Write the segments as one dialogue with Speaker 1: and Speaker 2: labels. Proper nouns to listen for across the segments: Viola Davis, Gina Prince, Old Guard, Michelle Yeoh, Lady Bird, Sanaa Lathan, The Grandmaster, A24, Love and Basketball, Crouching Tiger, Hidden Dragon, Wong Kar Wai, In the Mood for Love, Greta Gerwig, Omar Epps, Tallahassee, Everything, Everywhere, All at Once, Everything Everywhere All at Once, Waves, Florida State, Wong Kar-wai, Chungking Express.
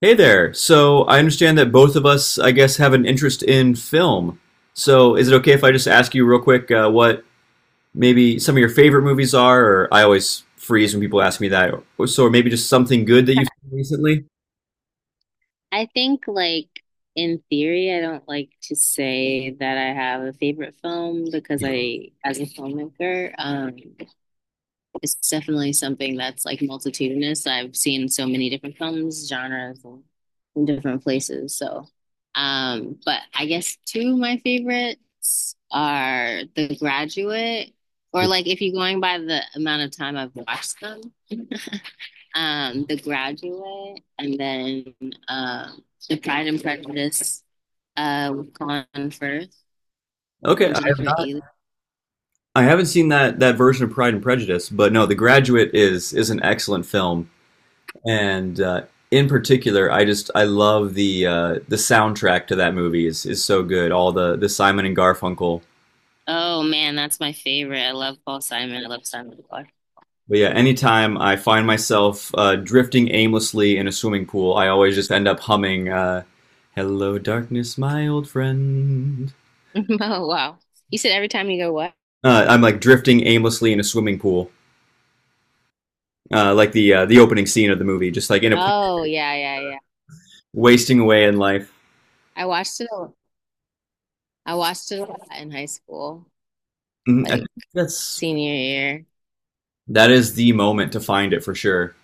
Speaker 1: Hey there. So I understand that both of us, I guess, have an interest in film. So is it okay if I just ask you real quick, what maybe some of your favorite movies are? Or I always freeze when people ask me that. Or maybe just something good that you've seen recently.
Speaker 2: I think, like, in theory, I don't like to say that I have a favorite film because I, as a filmmaker, it's definitely something that's like multitudinous. I've seen so many different films, genres, and in different places. So, but I guess two of my favorites are The Graduate, or like if you're going by the amount of time I've watched them, The Graduate, and then um, The Pride and Prejudice with Colin Firth
Speaker 1: Okay,
Speaker 2: and Jennifer Ely.
Speaker 1: I haven't seen that version of Pride and Prejudice, but no, The Graduate is an excellent film, and in particular, I just I love the the soundtrack to that movie is so good. All the Simon and Garfunkel.
Speaker 2: Oh man, that's my favorite. I love Paul Simon. I love Simon Clark.
Speaker 1: But yeah, anytime I find myself drifting aimlessly in a swimming pool, I always just end up humming, hello, darkness, my old friend.
Speaker 2: Oh wow. You said every time you go what?
Speaker 1: I'm like drifting aimlessly in a swimming pool, like the the opening scene of the movie, just like in a
Speaker 2: Oh yeah, yeah, yeah.
Speaker 1: wasting away in life.
Speaker 2: I watched it a, I watched it a lot in high school,
Speaker 1: Mhm, I
Speaker 2: like
Speaker 1: think that's
Speaker 2: senior year.
Speaker 1: that is the moment to find it for sure.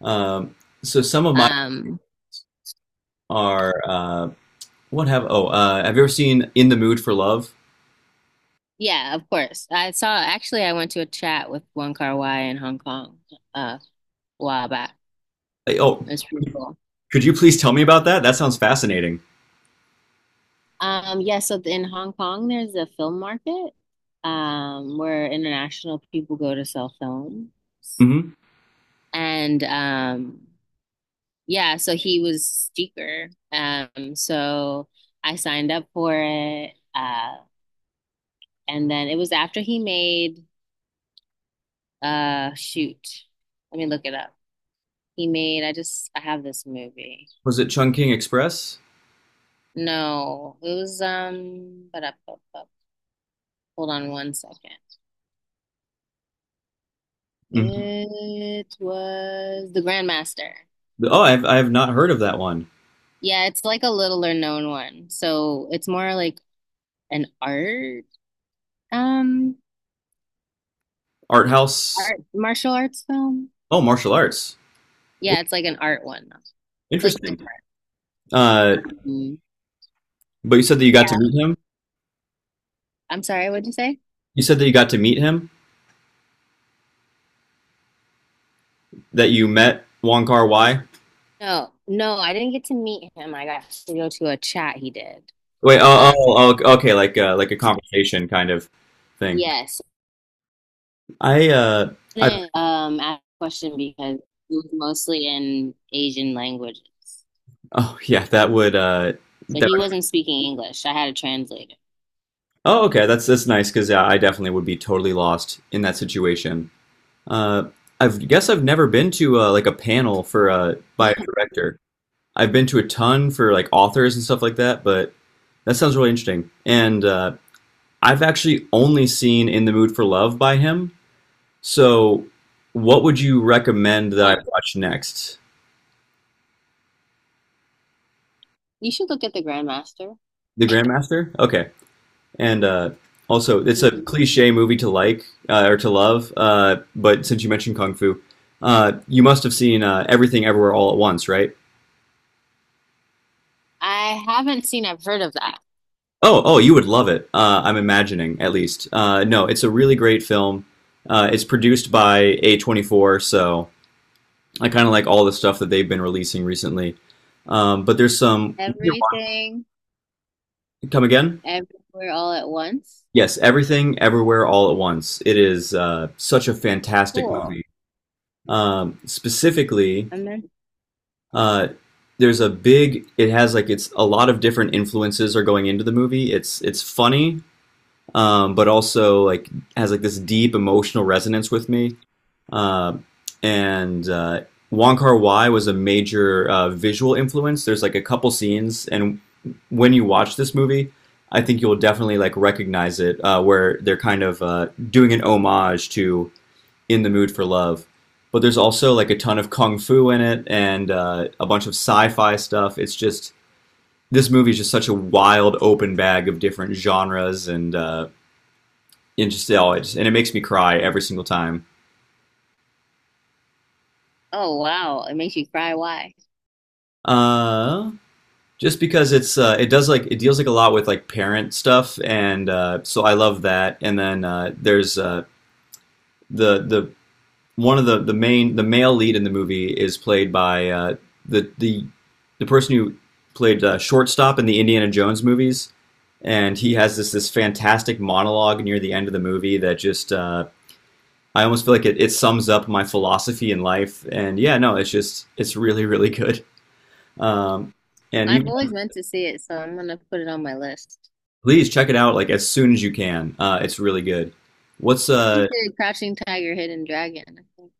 Speaker 1: Um, so some of mine
Speaker 2: Um
Speaker 1: are what have oh have you ever seen In the Mood for Love?
Speaker 2: yeah, of course. I saw Actually I went to a chat with Wong Kar-wai in Hong Kong a while back.
Speaker 1: Like, oh,
Speaker 2: It's pretty cool.
Speaker 1: could you please tell me about that? That sounds fascinating.
Speaker 2: Yeah, so in Hong Kong there's a film market where international people go to sell films.
Speaker 1: Mm-hmm.
Speaker 2: And yeah, so he was speaker. So I signed up for it. And then it was after he made shoot. Let me look it up. He made I have this movie.
Speaker 1: Was it Chungking Express?
Speaker 2: No, it was but up. Hold on one second.
Speaker 1: Hmm.
Speaker 2: It was The Grandmaster.
Speaker 1: Oh, I have not heard of that one.
Speaker 2: Yeah, it's like a littler known one. So it's more like an um
Speaker 1: Art house.
Speaker 2: art martial arts film.
Speaker 1: Oh, martial arts. Oh,
Speaker 2: Yeah, it's like an art one. It's like
Speaker 1: interesting.
Speaker 2: different.
Speaker 1: Uh,
Speaker 2: Um,
Speaker 1: but you said that you got to
Speaker 2: yeah.
Speaker 1: meet him.
Speaker 2: I'm sorry, what'd you say?
Speaker 1: You said that you got to meet him. That you met Wong Kar Wai.
Speaker 2: No, no, I didn't get to meet him. I got to go to a chat he did.
Speaker 1: Wait.
Speaker 2: Um,
Speaker 1: Oh, okay. Okay, like like a conversation kind of thing.
Speaker 2: yes,
Speaker 1: I uh,
Speaker 2: I
Speaker 1: I
Speaker 2: didn't ask a question because it was mostly in Asian languages,
Speaker 1: Oh yeah,
Speaker 2: so
Speaker 1: that
Speaker 2: he
Speaker 1: would,
Speaker 2: wasn't speaking English. I had a translator.
Speaker 1: oh okay, that's nice because yeah, I definitely would be totally lost in that situation. Uh, I guess I've never been to like a panel for by a director. I've been to a ton for like authors and stuff like that, but that sounds really interesting. And I've actually only seen In the Mood for Love by him. So, what would you recommend that I
Speaker 2: Hmm.
Speaker 1: watch next?
Speaker 2: You should look at the Grandmaster.
Speaker 1: The Grandmaster? Okay. And also, it's a
Speaker 2: Hmm.
Speaker 1: cliche movie to like, or to love, but since you mentioned Kung Fu, you must have seen, Everything Everywhere All at Once, right?
Speaker 2: I haven't seen. I've heard of that.
Speaker 1: Oh, you would love it. I'm imagining, at least. No, it's a really great film. It's produced by A24, so I kind of like all the stuff that they've been releasing recently. But there's some.
Speaker 2: Everything,
Speaker 1: Come again?
Speaker 2: everywhere, all at once.
Speaker 1: Yes, Everything, Everywhere, All at Once. It is such a fantastic
Speaker 2: Cool.
Speaker 1: movie. Specifically,
Speaker 2: I'm meant
Speaker 1: uh, there's a big. It has like it's a lot of different influences are going into the movie. It's funny, but also like has like this deep emotional resonance with me. Uh, and Wong Kar Wai was a major visual influence. There's like a couple scenes, and when you watch this movie, I think you'll definitely like recognize it, where they're kind of doing an homage to "In the Mood for Love." But there's also like a ton of kung fu in it and a bunch of sci-fi stuff. It's just this movie is just such a wild open bag of different genres and it just, oh, and it makes me cry every single time.
Speaker 2: Oh wow, it makes you cry. Why?
Speaker 1: Uh, just because it's it does like it deals like a lot with like parent stuff and so I love that and then there's the one of the main the male lead in the movie is played by the the the person who played shortstop in the Indiana Jones movies and he has this fantastic monologue near the end of the movie that just I almost feel like it sums up my philosophy in life and yeah no it's just it's really really good um, and
Speaker 2: I've
Speaker 1: even
Speaker 2: always meant to see it, so I'm gonna put it on my list.
Speaker 1: Please check it out like as soon as you can. It's really good. What's
Speaker 2: He
Speaker 1: uh?
Speaker 2: did Crouching Tiger, Hidden Dragon, I think.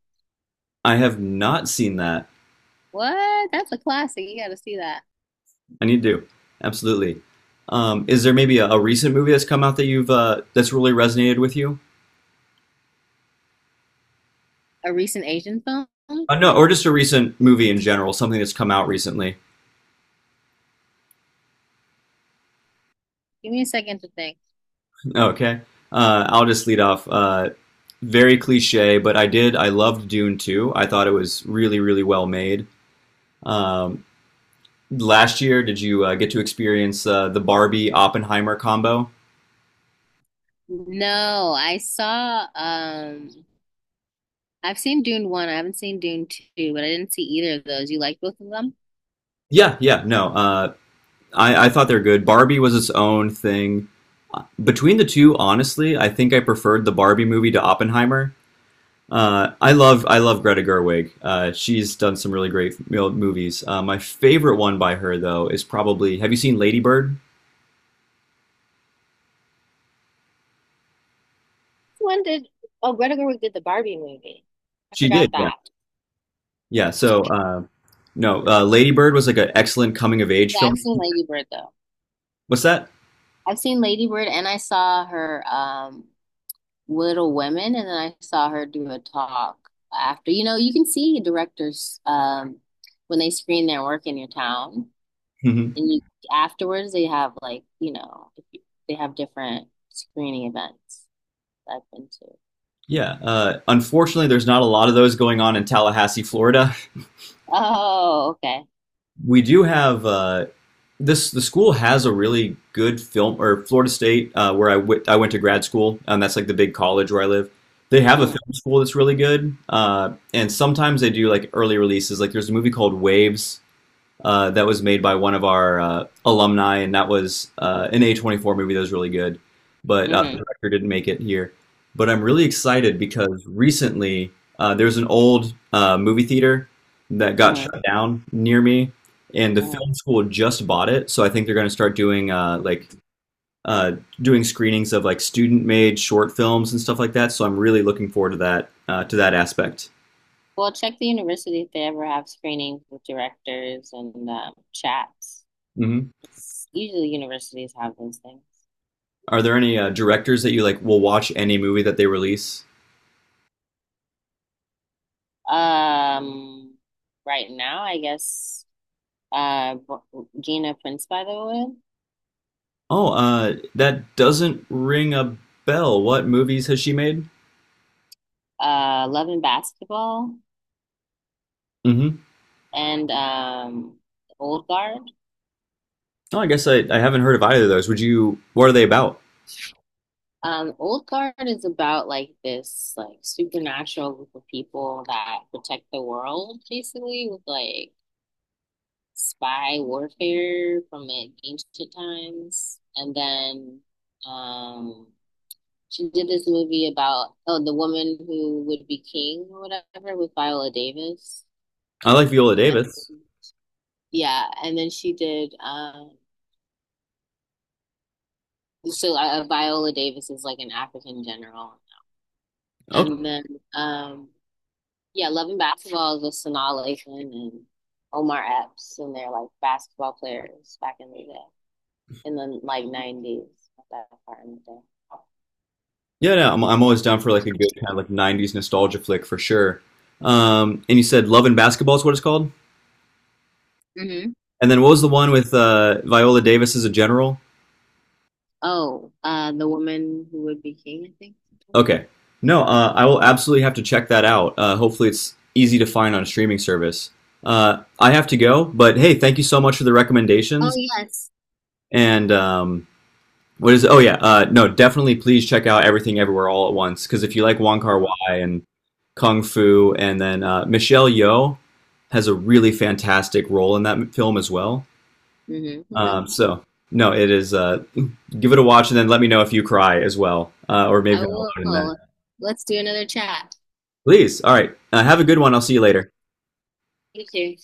Speaker 1: I have not seen that.
Speaker 2: What? That's a classic. You gotta see that.
Speaker 1: I need to. Absolutely. Is there maybe a recent movie that's come out that you've that's really resonated with you?
Speaker 2: A recent Asian film?
Speaker 1: No, or just a recent movie in general, something that's come out recently.
Speaker 2: Give me a second to think.
Speaker 1: Okay. I'll just lead off. Very cliche, but I did. I loved Dune 2. I thought it was really, really well made. Um, last year, did you get to experience the Barbie Oppenheimer combo?
Speaker 2: No, I've seen Dune 1. I haven't seen Dune 2, but I didn't see either of those. You like both of them?
Speaker 1: Yeah, yeah, no. I thought they're good. Barbie was its own thing. Between the two, honestly, I think I preferred the Barbie movie to Oppenheimer. I love Greta Gerwig. She's done some really great movies. My favorite one by her though is probably Have you seen Lady Bird?
Speaker 2: When did Oh, Greta Gerwig did the Barbie movie? I
Speaker 1: She
Speaker 2: forgot
Speaker 1: did, yeah,
Speaker 2: that.
Speaker 1: yeah. So no, Lady Bird was like an excellent coming of age
Speaker 2: Yeah, I've
Speaker 1: film.
Speaker 2: seen Lady Bird though.
Speaker 1: What's that?
Speaker 2: I've seen Lady Bird and I saw her Little Women, and then I saw her do a talk after. You know, you can see directors when they screen their work in your town,
Speaker 1: Hmm.
Speaker 2: and you afterwards they have like you know they have different screening events that I've been to.
Speaker 1: Yeah. Unfortunately, there's not a lot of those going on in Tallahassee, Florida.
Speaker 2: Oh, okay.
Speaker 1: We do have this the school has a really good film or Florida State where I went to grad school and that's like the big college where I live. They have a
Speaker 2: Mm.
Speaker 1: film school that's really good, and sometimes they do like early releases. Like there's a movie called Waves that was made by one of our alumni, and that was an A24 movie that was really good, but the
Speaker 2: Mm-hmm.
Speaker 1: director didn't make it here. But I'm really excited because recently there's an old movie theater that got
Speaker 2: Mm-hmm.
Speaker 1: shut down near me, and the
Speaker 2: Mm-hmm.
Speaker 1: film school just bought it, so I think they're going to start doing uh, doing screenings of like student-made short films and stuff like that. So I'm really looking forward to that aspect.
Speaker 2: Well, check the university if they ever have screenings with directors and chats.
Speaker 1: Hmm.
Speaker 2: Usually universities have those things.
Speaker 1: Are there any directors that you like will watch any movie that they release?
Speaker 2: Um, right now, I guess. uh, Gina Prince, by the way.
Speaker 1: Oh, that doesn't ring a bell. What movies has she made?
Speaker 2: Love and Basketball,
Speaker 1: Hmm.
Speaker 2: and Old Guard.
Speaker 1: Oh, I guess I haven't heard of either of those. Would you? What are they about?
Speaker 2: Old Guard is about like this like supernatural group of people that protect the world basically with like spy warfare from like ancient times. And then um, she did this movie about, oh, the woman who would be king or whatever with Viola Davis.
Speaker 1: I like Viola
Speaker 2: And
Speaker 1: Davis.
Speaker 2: yeah, and then she did. So Viola Davis is like an African general, and
Speaker 1: Oh,
Speaker 2: then um, yeah, Love and Basketball is with Sanaa Lathan and Omar Epps, and they're like basketball players back in the day, in the like 90s, that part in the day.
Speaker 1: yeah, yeah. I'm always down for like a good kind of like '90s nostalgia flick for sure. And you said Love and Basketball is what it's called.
Speaker 2: Mm-hmm.
Speaker 1: And then what was the one with Viola Davis as a general?
Speaker 2: Oh, the woman who would be king, I think.
Speaker 1: Okay. No, I will absolutely have to check that out. Hopefully, it's easy to find on a streaming service. I have to go, but hey, thank you so much for the
Speaker 2: Oh,
Speaker 1: recommendations.
Speaker 2: yes.
Speaker 1: And what is? Oh yeah, no, definitely. Please check out Everything Everywhere All at Once because if you like Wong
Speaker 2: I
Speaker 1: Kar
Speaker 2: will.
Speaker 1: Wai and Kung Fu, and then Michelle Yeoh has a really fantastic role in that film as well.
Speaker 2: Mm-hmm. Okay,
Speaker 1: So no, it is. Give it a watch and then let me know if you cry as well, or
Speaker 2: I
Speaker 1: maybe I'm alone in that.
Speaker 2: will. Let's do another chat.
Speaker 1: Please. All right. Have a good one. I'll see you later.
Speaker 2: Thank you.